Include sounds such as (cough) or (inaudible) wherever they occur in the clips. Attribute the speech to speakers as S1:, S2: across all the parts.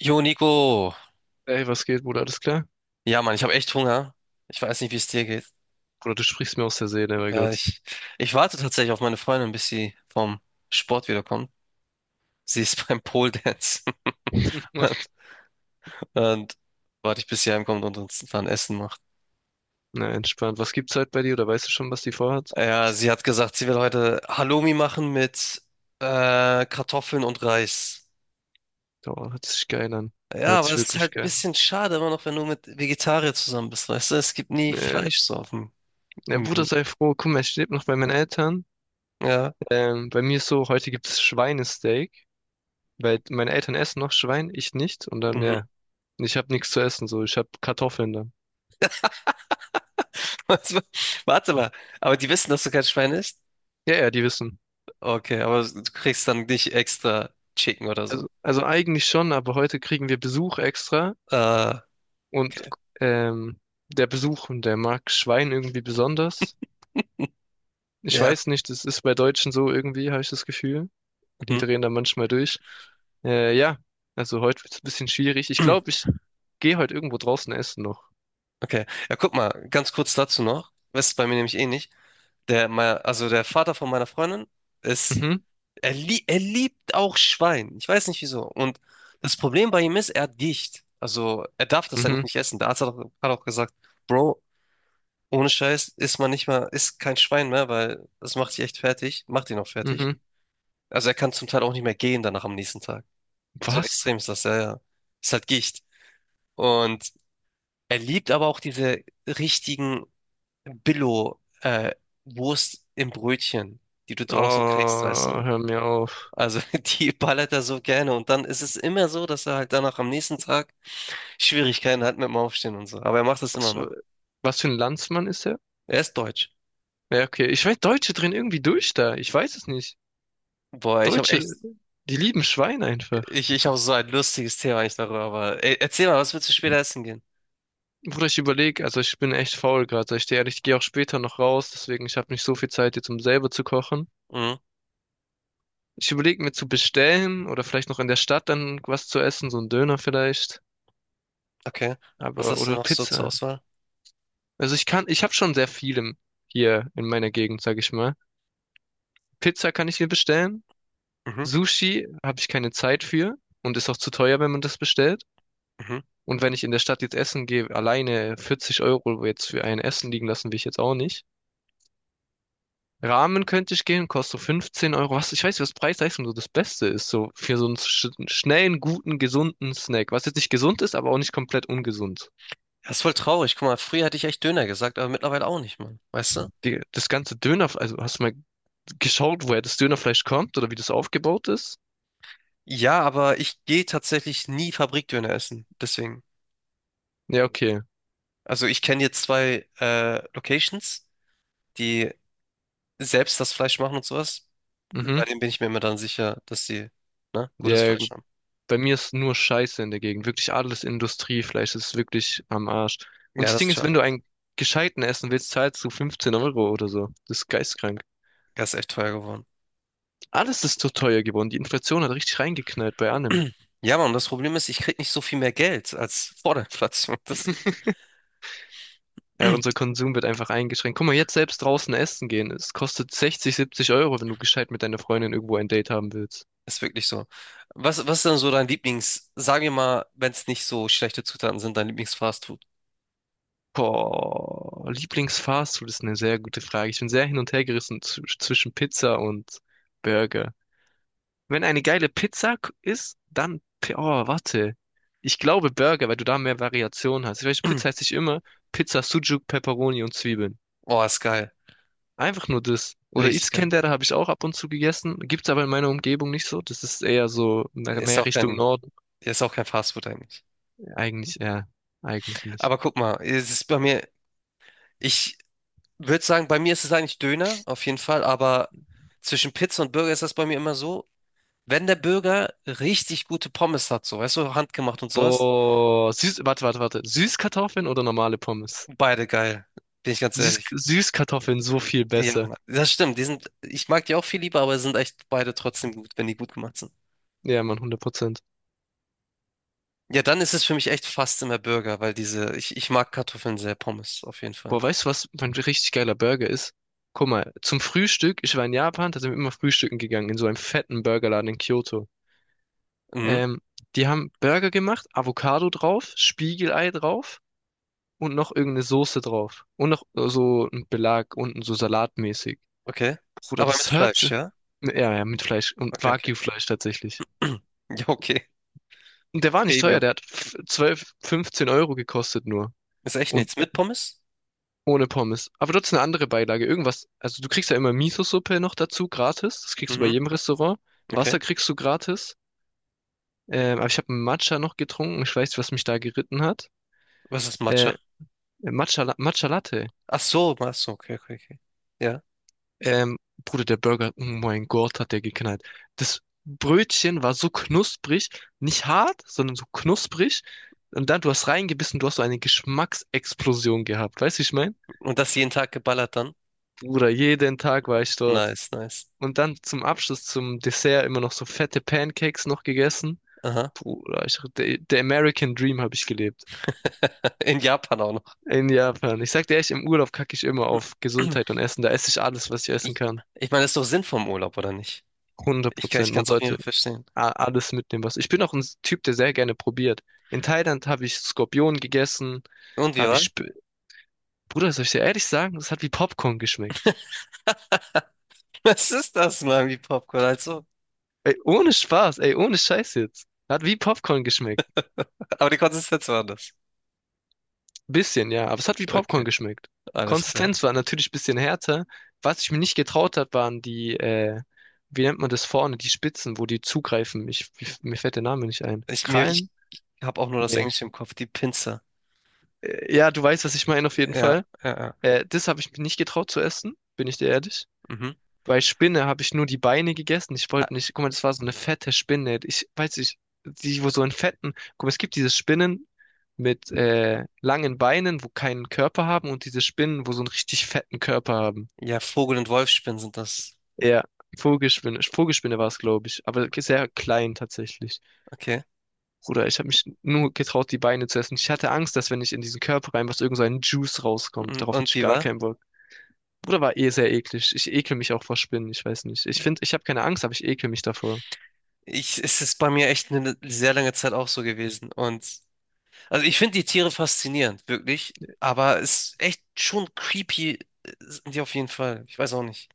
S1: Jo, Nico.
S2: Ey, was geht, Bruder? Alles klar?
S1: Ja, Mann, ich habe echt Hunger. Ich weiß nicht, wie es dir geht.
S2: Bruder, du sprichst mir aus der Seele, mein
S1: Äh,
S2: Gott.
S1: ich, ich warte tatsächlich auf meine Freundin, bis sie vom Sport wiederkommt. Sie ist (laughs) beim Pole Dance. (laughs)
S2: (laughs)
S1: Und warte ich, bis sie heimkommt und uns dann Essen macht.
S2: Na, entspannt. Was gibt's halt bei dir? Oder weißt du schon, was die vorhat?
S1: Ja, sie hat gesagt, sie will heute Halloumi machen mit Kartoffeln und Reis.
S2: Oh, hört sich geil an.
S1: Ja,
S2: Hört
S1: aber
S2: sich
S1: es ist
S2: wirklich
S1: halt ein
S2: geil
S1: bisschen schade immer noch, wenn du mit Vegetarier zusammen bist, weißt du? Es gibt nie
S2: an.
S1: Fleisch so auf dem
S2: Ja, Bruder,
S1: Menü.
S2: sei froh. Guck mal, ich lebe noch bei meinen Eltern.
S1: Ja.
S2: Bei mir ist so, heute gibt's Schweinesteak, weil meine Eltern essen noch Schwein, ich nicht. Und dann,
S1: Mhm.
S2: ja, ich habe nichts zu essen, so. Ich habe Kartoffeln dann.
S1: (laughs) Warte mal, aber die wissen, dass du kein Schwein isst?
S2: Ja, ja, die wissen.
S1: Okay, aber du kriegst dann nicht extra Chicken oder so.
S2: Also eigentlich schon, aber heute kriegen wir Besuch extra.
S1: Äh,
S2: Und
S1: okay.
S2: ähm, der Besuch, der mag Schwein irgendwie besonders. Ich
S1: Ja.
S2: weiß nicht, das ist bei Deutschen so irgendwie, habe ich das Gefühl. Die
S1: Mhm.
S2: drehen da manchmal durch. Ja, also heute wird's ein bisschen schwierig. Ich glaube,
S1: (clears throat)
S2: ich gehe heute irgendwo draußen essen noch.
S1: Okay. Ja, guck mal, ganz kurz dazu noch. Das ist bei mir nämlich ähnlich. Also der Vater von meiner Freundin ist,
S2: Mhm,
S1: er liebt auch Schwein. Ich weiß nicht wieso. Und das Problem bei ihm ist, er hat Gicht. Also er darf das eigentlich
S2: mhm,
S1: nicht essen. Der Arzt hat auch gesagt, Bro, ohne Scheiß isst man nicht mal, isst kein Schwein mehr, weil das macht dich echt fertig, macht ihn auch fertig.
S2: mhm.
S1: Also er kann zum Teil auch nicht mehr gehen danach am nächsten Tag. So
S2: Was?
S1: extrem ist das, ja, ja. Ist halt Gicht. Und er liebt aber auch diese richtigen Billo, äh, Wurst im Brötchen, die du draußen
S2: Oh,
S1: kriegst, weißt du?
S2: hör mir auf.
S1: Also (laughs) die ballert er so gerne. Und dann ist es immer so, dass er halt danach am nächsten Tag Schwierigkeiten hat mit dem Aufstehen und so. Aber er macht das immer
S2: Was,
S1: noch.
S2: was für ein Landsmann ist er?
S1: Er ist deutsch.
S2: Ja, okay. Ich weiß, Deutsche drehen irgendwie durch da. Ich weiß es nicht.
S1: Boah, ich habe
S2: Deutsche,
S1: echt,
S2: die lieben Schwein einfach.
S1: ich habe so ein lustiges Thema eigentlich darüber. Aber ey, erzähl mal, was willst du später essen gehen?
S2: Bruder, ich überlege, also ich bin echt faul gerade. Ich stehe ehrlich, ich gehe auch später noch raus, deswegen ich habe nicht so viel Zeit jetzt, um selber zu kochen.
S1: Mhm,
S2: Ich überlege mir zu bestellen oder vielleicht noch in der Stadt dann was zu essen, so ein Döner vielleicht,
S1: okay. Was
S2: aber
S1: hast du
S2: oder
S1: noch so zur
S2: Pizza.
S1: Auswahl?
S2: Also ich kann, ich habe schon sehr viel im, hier in meiner Gegend, sage ich mal. Pizza kann ich mir bestellen,
S1: Mhm,
S2: Sushi habe ich keine Zeit für und ist auch zu teuer, wenn man das bestellt.
S1: mhm.
S2: Und wenn ich in der Stadt jetzt essen gehe, alleine 40 Euro jetzt für ein Essen liegen lassen will ich jetzt auch nicht. Ramen könnte ich gehen, kostet so 15 Euro. Was, ich weiß nicht, was Preis-Leistung so das Beste ist, so für so einen schnellen, guten, gesunden Snack. Was jetzt nicht gesund ist, aber auch nicht komplett ungesund.
S1: Das ist voll traurig. Guck mal, früher hatte ich echt Döner gesagt, aber mittlerweile auch nicht, Mann. Weißt du?
S2: Das ganze Döner, also hast du mal geschaut, woher das Dönerfleisch kommt oder wie das aufgebaut ist?
S1: Ja, aber ich gehe tatsächlich nie Fabrikdöner essen. Deswegen.
S2: Ja, okay.
S1: Also ich kenne jetzt zwei Locations, die selbst das Fleisch machen und sowas. Bei
S2: Mhm.
S1: denen bin ich mir immer dann sicher, dass sie ne, gutes
S2: Ja,
S1: Fleisch
S2: gut.
S1: haben.
S2: Bei mir ist nur Scheiße in der Gegend. Wirklich alles Industriefleisch, das ist wirklich am Arsch. Und
S1: Ja,
S2: das
S1: das
S2: Ding
S1: ist
S2: ist, wenn
S1: schade.
S2: du einen gescheiten essen willst, zahlst du 15 Euro oder so. Das ist geistkrank.
S1: Das ist echt teuer geworden.
S2: Alles ist zu teuer geworden. Die Inflation hat richtig reingeknallt bei allem.
S1: (clears throat) Ja, Mann, und das Problem ist, ich krieg nicht so viel mehr Geld als (laughs) vor der Inflation. Das
S2: (laughs) Ja, unser
S1: (clears throat)
S2: Konsum wird einfach eingeschränkt. Guck mal, jetzt selbst draußen essen gehen. Es kostet 60, 70 Euro, wenn du gescheit mit deiner Freundin irgendwo ein Date haben willst.
S1: ist wirklich so. Was, was ist denn so dein Lieblings, sag mir mal, wenn es nicht so schlechte Zutaten sind, dein Lieblingsfastfood?
S2: Boah, Lieblingsfastfood ist eine sehr gute Frage. Ich bin sehr hin und her gerissen zwischen Pizza und Burger. Wenn eine geile Pizza ist, dann, oh, warte. Ich glaube Burger, weil du da mehr Variation hast. Ich weiß, Pizza
S1: (clears throat)
S2: heißt nicht immer Pizza, Sucuk, Pepperoni und Zwiebeln.
S1: Oh, ist geil.
S2: Einfach nur das. Oder
S1: Richtig geil.
S2: Iskender habe ich auch ab und zu gegessen. Gibt's aber in meiner Umgebung nicht so. Das ist eher so
S1: Ist
S2: mehr
S1: auch
S2: Richtung
S1: kein,
S2: Norden.
S1: ist auch kein Fastfood eigentlich.
S2: Eigentlich, ja, eigentlich nicht.
S1: Aber guck mal, es ist bei mir, ich würde sagen, bei mir ist es eigentlich Döner, auf jeden Fall, aber zwischen Pizza und Burger ist das bei mir immer so, wenn der Burger richtig gute Pommes hat, so, weißt du, handgemacht und sowas,
S2: Boah, süß, warte, warte, warte. Süßkartoffeln oder normale Pommes?
S1: beide geil, bin ich ganz ehrlich.
S2: Süßkartoffeln so viel
S1: Ja,
S2: besser.
S1: das stimmt, die sind, ich mag die auch viel lieber, aber sind echt beide trotzdem gut, wenn die gut gemacht sind.
S2: Ja, Mann, 100%.
S1: Ja, dann ist es für mich echt fast immer Burger, weil diese, ich mag Kartoffeln sehr, Pommes, auf jeden
S2: Boah,
S1: Fall.
S2: weißt du, was mein richtig geiler Burger ist? Guck mal, zum Frühstück, ich war in Japan, da sind wir immer frühstücken gegangen, in so einem fetten Burgerladen in Kyoto.
S1: Mhm.
S2: Ähm, Die haben Burger gemacht, Avocado drauf, Spiegelei drauf. Und noch irgendeine Soße drauf. Und noch so ein Belag unten, so salatmäßig.
S1: Okay.
S2: Bruder,
S1: Aber mit
S2: das hört
S1: Fleisch,
S2: sich.
S1: ja?
S2: Ja, ja, mit Fleisch. Und
S1: Okay, okay.
S2: Wagyu-Fleisch tatsächlich.
S1: (clears throat) Ja, okay.
S2: Und der war nicht teuer,
S1: Premium.
S2: der hat 12, 15 Euro gekostet nur.
S1: Ist echt
S2: Und
S1: nichts. Mit Pommes?
S2: ohne Pommes. Aber dort ist eine andere Beilage. Irgendwas. Also du kriegst ja immer Miso-Suppe noch dazu, gratis. Das kriegst du bei
S1: Mhm,
S2: jedem Restaurant.
S1: okay.
S2: Wasser kriegst du gratis. Aber ich habe Matcha noch getrunken. Ich weiß nicht, was mich da geritten hat.
S1: Was ist Matcha?
S2: Äh, Matcha, Matcha Latte.
S1: Ach so, okay, okay, okay. Ja.
S2: Ähm, Bruder, der Burger, oh mein Gott, hat der geknallt. Das Brötchen war so knusprig, nicht hart, sondern so knusprig. Und dann, du hast reingebissen, du hast so eine Geschmacksexplosion gehabt. Weißt du, wie ich meine?
S1: Und das jeden Tag geballert dann?
S2: Bruder, jeden Tag war ich dort.
S1: Nice, nice.
S2: Und dann zum Abschluss, zum Dessert, immer noch so fette Pancakes noch gegessen.
S1: Aha.
S2: Bruder, der American Dream habe ich gelebt.
S1: (laughs) In Japan auch noch.
S2: In Japan. Ich sag dir echt, im Urlaub kacke ich immer auf Gesundheit und
S1: (clears throat)
S2: Essen. Da esse ich alles, was ich essen
S1: Ich,
S2: kann.
S1: ich meine, das ist doch Sinn vom Urlaub, oder nicht?
S2: hundert
S1: Ich
S2: Prozent.
S1: kann
S2: Man
S1: es auf jeden
S2: sollte
S1: Fall verstehen.
S2: alles mitnehmen, was. Ich bin auch ein Typ, der sehr gerne probiert. In Thailand habe ich Skorpion gegessen,
S1: Und wie
S2: habe
S1: war?
S2: ich. Sp Bruder, soll ich dir ehrlich sagen, das hat wie Popcorn geschmeckt.
S1: (laughs) Was ist das, Mami Popcorn? Also,
S2: Ey, ohne Spaß, ey, ohne Scheiß jetzt. Hat wie Popcorn geschmeckt.
S1: aber die Konsistenz war anders.
S2: Bisschen, ja, aber es hat wie Popcorn
S1: Okay,
S2: geschmeckt.
S1: alles klar.
S2: Konsistenz war natürlich ein bisschen härter. Was ich mir nicht getraut habe, waren die, wie nennt man das vorne, die Spitzen, wo die zugreifen. Mir fällt der Name nicht ein.
S1: Ich
S2: Krallen?
S1: habe auch nur das
S2: Nee.
S1: Englische im Kopf, die Pinzer.
S2: Ja, du weißt, was ich meine auf jeden
S1: Ja,
S2: Fall.
S1: ja, ja.
S2: Das habe ich mir nicht getraut zu essen, bin ich dir ehrlich.
S1: Mhm.
S2: Bei Spinne habe ich nur die Beine gegessen. Ich wollte
S1: Ah,
S2: nicht, guck mal, das war so eine fette Spinne. Ich weiß nicht, die, wo so in fetten, guck mal, es gibt diese Spinnen mit langen Beinen, wo keinen Körper haben und diese Spinnen, wo so einen richtig fetten Körper haben.
S1: ja, Vogel- und Wolfsspinnen sind das.
S2: Ja, Vogelspinne, Vogelspinne war es, glaube ich, aber sehr klein tatsächlich.
S1: Okay.
S2: Bruder, ich habe mich nur getraut, die Beine zu essen. Ich hatte Angst, dass wenn ich in diesen Körper rein, was irgend so ein Juice rauskommt. Darauf hatte
S1: Und
S2: ich
S1: wie
S2: gar
S1: war?
S2: keinen Bock. Bruder, war eh sehr eklig. Ich ekel mich auch vor Spinnen, ich weiß nicht. Ich finde, ich habe keine Angst, aber ich ekel mich davor.
S1: Ich, es ist bei mir echt eine sehr lange Zeit auch so gewesen. Und also ich finde die Tiere faszinierend, wirklich. Aber es ist echt schon creepy, sind die auf jeden Fall. Ich weiß auch nicht.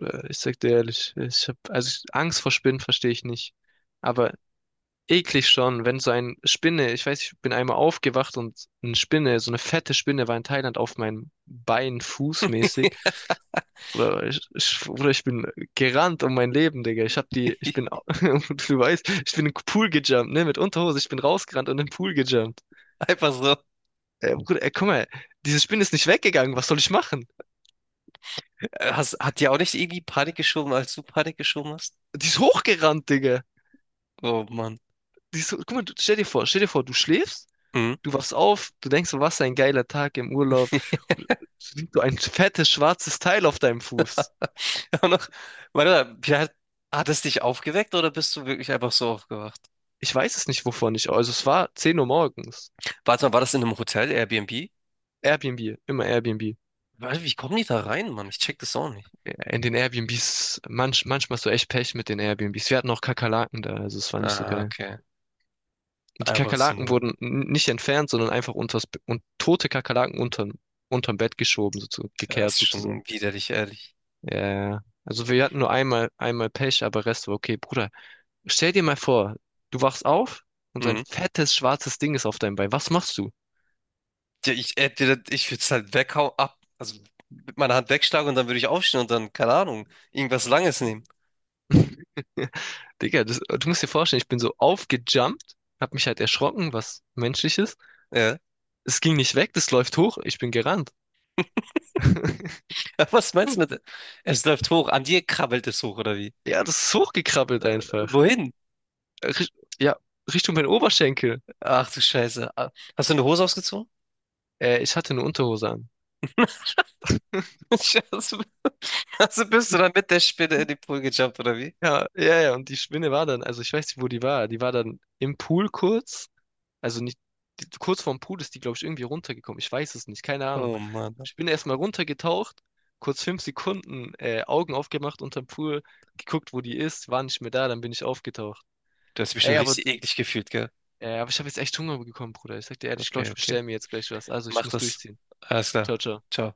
S2: Ich sag dir ehrlich, ich hab, also ich- Angst vor Spinnen verstehe ich nicht. Aber eklig schon, wenn so ein Spinne, ich weiß, ich bin einmal aufgewacht und eine Spinne, so eine fette Spinne war in Thailand auf meinem Bein fußmäßig. Oder ich bin gerannt um mein Leben, Digga. Ich hab die, ich bin,
S1: (laughs)
S2: au- (laughs) du weißt, ich bin im Pool gejumpt, ne, mit Unterhose, ich bin rausgerannt und im Pool gejumpt.
S1: Einfach so.
S2: Bruder, ey, guck mal, diese Spinne ist nicht weggegangen, was soll ich machen?
S1: Hast, hat dir auch nicht irgendwie Panik geschoben, als du Panik geschoben hast?
S2: Die ist hochgerannt, Digga.
S1: Oh Mann.
S2: Die ist, so, guck mal, du, stell dir vor, du schläfst.
S1: Mhm.
S2: Du wachst auf, du denkst, so, was ein geiler Tag im Urlaub.
S1: (laughs)
S2: Siehst so ein fettes schwarzes Teil auf deinem Fuß.
S1: Auch noch, warte, mal, hat, hat es dich aufgeweckt oder bist du wirklich einfach so aufgewacht?
S2: Ich weiß es nicht, wovon ich. Also es war 10 Uhr morgens.
S1: Warte mal, war das in einem Hotel, Airbnb?
S2: Airbnb, immer Airbnb.
S1: Warte, wie kommen die da rein, Mann? Ich check das auch nicht.
S2: Ja, in den Airbnbs, manchmal hast du echt Pech mit den Airbnbs. Wir hatten auch Kakerlaken da, also es war nicht so
S1: Ah,
S2: geil.
S1: okay.
S2: Und die
S1: Einfach so
S2: Kakerlaken
S1: eine.
S2: wurden nicht entfernt, sondern einfach und tote Kakerlaken unterm Bett geschoben, sozusagen,
S1: Ja,
S2: gekehrt
S1: ist schon
S2: sozusagen.
S1: widerlich, ehrlich.
S2: Ja, also wir hatten nur einmal, einmal Pech, aber Rest war okay. Bruder, stell dir mal vor, du wachst auf und so ein
S1: Mhm.
S2: fettes schwarzes Ding ist auf deinem Bein. Was machst du?
S1: Ja, ich würde es halt weghauen, ab. Also mit meiner Hand wegschlagen und dann würde ich aufstehen und dann, keine Ahnung, irgendwas Langes nehmen.
S2: (laughs) Digga, du musst dir vorstellen, ich bin so aufgejumpt, hab mich halt erschrocken, was menschlich ist.
S1: Ja.
S2: Es ging nicht weg, das läuft hoch, ich bin gerannt. (laughs)
S1: (laughs) Was meinst du mit. Es läuft hoch. An dir krabbelt es hoch, oder wie?
S2: Ja, das ist hochgekrabbelt einfach.
S1: Wohin?
S2: Ja, Richtung mein Oberschenkel.
S1: Ach du Scheiße. Ah, hast du eine Hose ausgezogen?
S2: Ich hatte eine Unterhose an.
S1: (laughs) Also also bist du dann mit der Spinne in den
S2: (laughs)
S1: Pool gejumpt, oder wie?
S2: Ja, ja, ja, und die Spinne war dann, also ich weiß nicht, wo die war. Die war dann im Pool kurz. Also nicht, kurz vorm Pool ist die, glaube ich, irgendwie runtergekommen. Ich weiß es nicht, keine Ahnung.
S1: Oh Mann.
S2: Ich bin erstmal runtergetaucht, kurz 5 Sekunden Augen aufgemacht unterm Pool, geguckt, wo die ist, war nicht mehr da, dann bin ich aufgetaucht.
S1: Du hast dich
S2: Ey,
S1: bestimmt richtig eklig gefühlt, gell?
S2: aber ich habe jetzt echt Hunger bekommen, Bruder. Ich sag dir ehrlich, ich glaube,
S1: Okay,
S2: ich
S1: okay.
S2: bestelle mir jetzt gleich was. Also ich
S1: Mach
S2: muss
S1: das.
S2: durchziehen.
S1: Alles
S2: Ciao,
S1: klar.
S2: ciao.
S1: Ciao.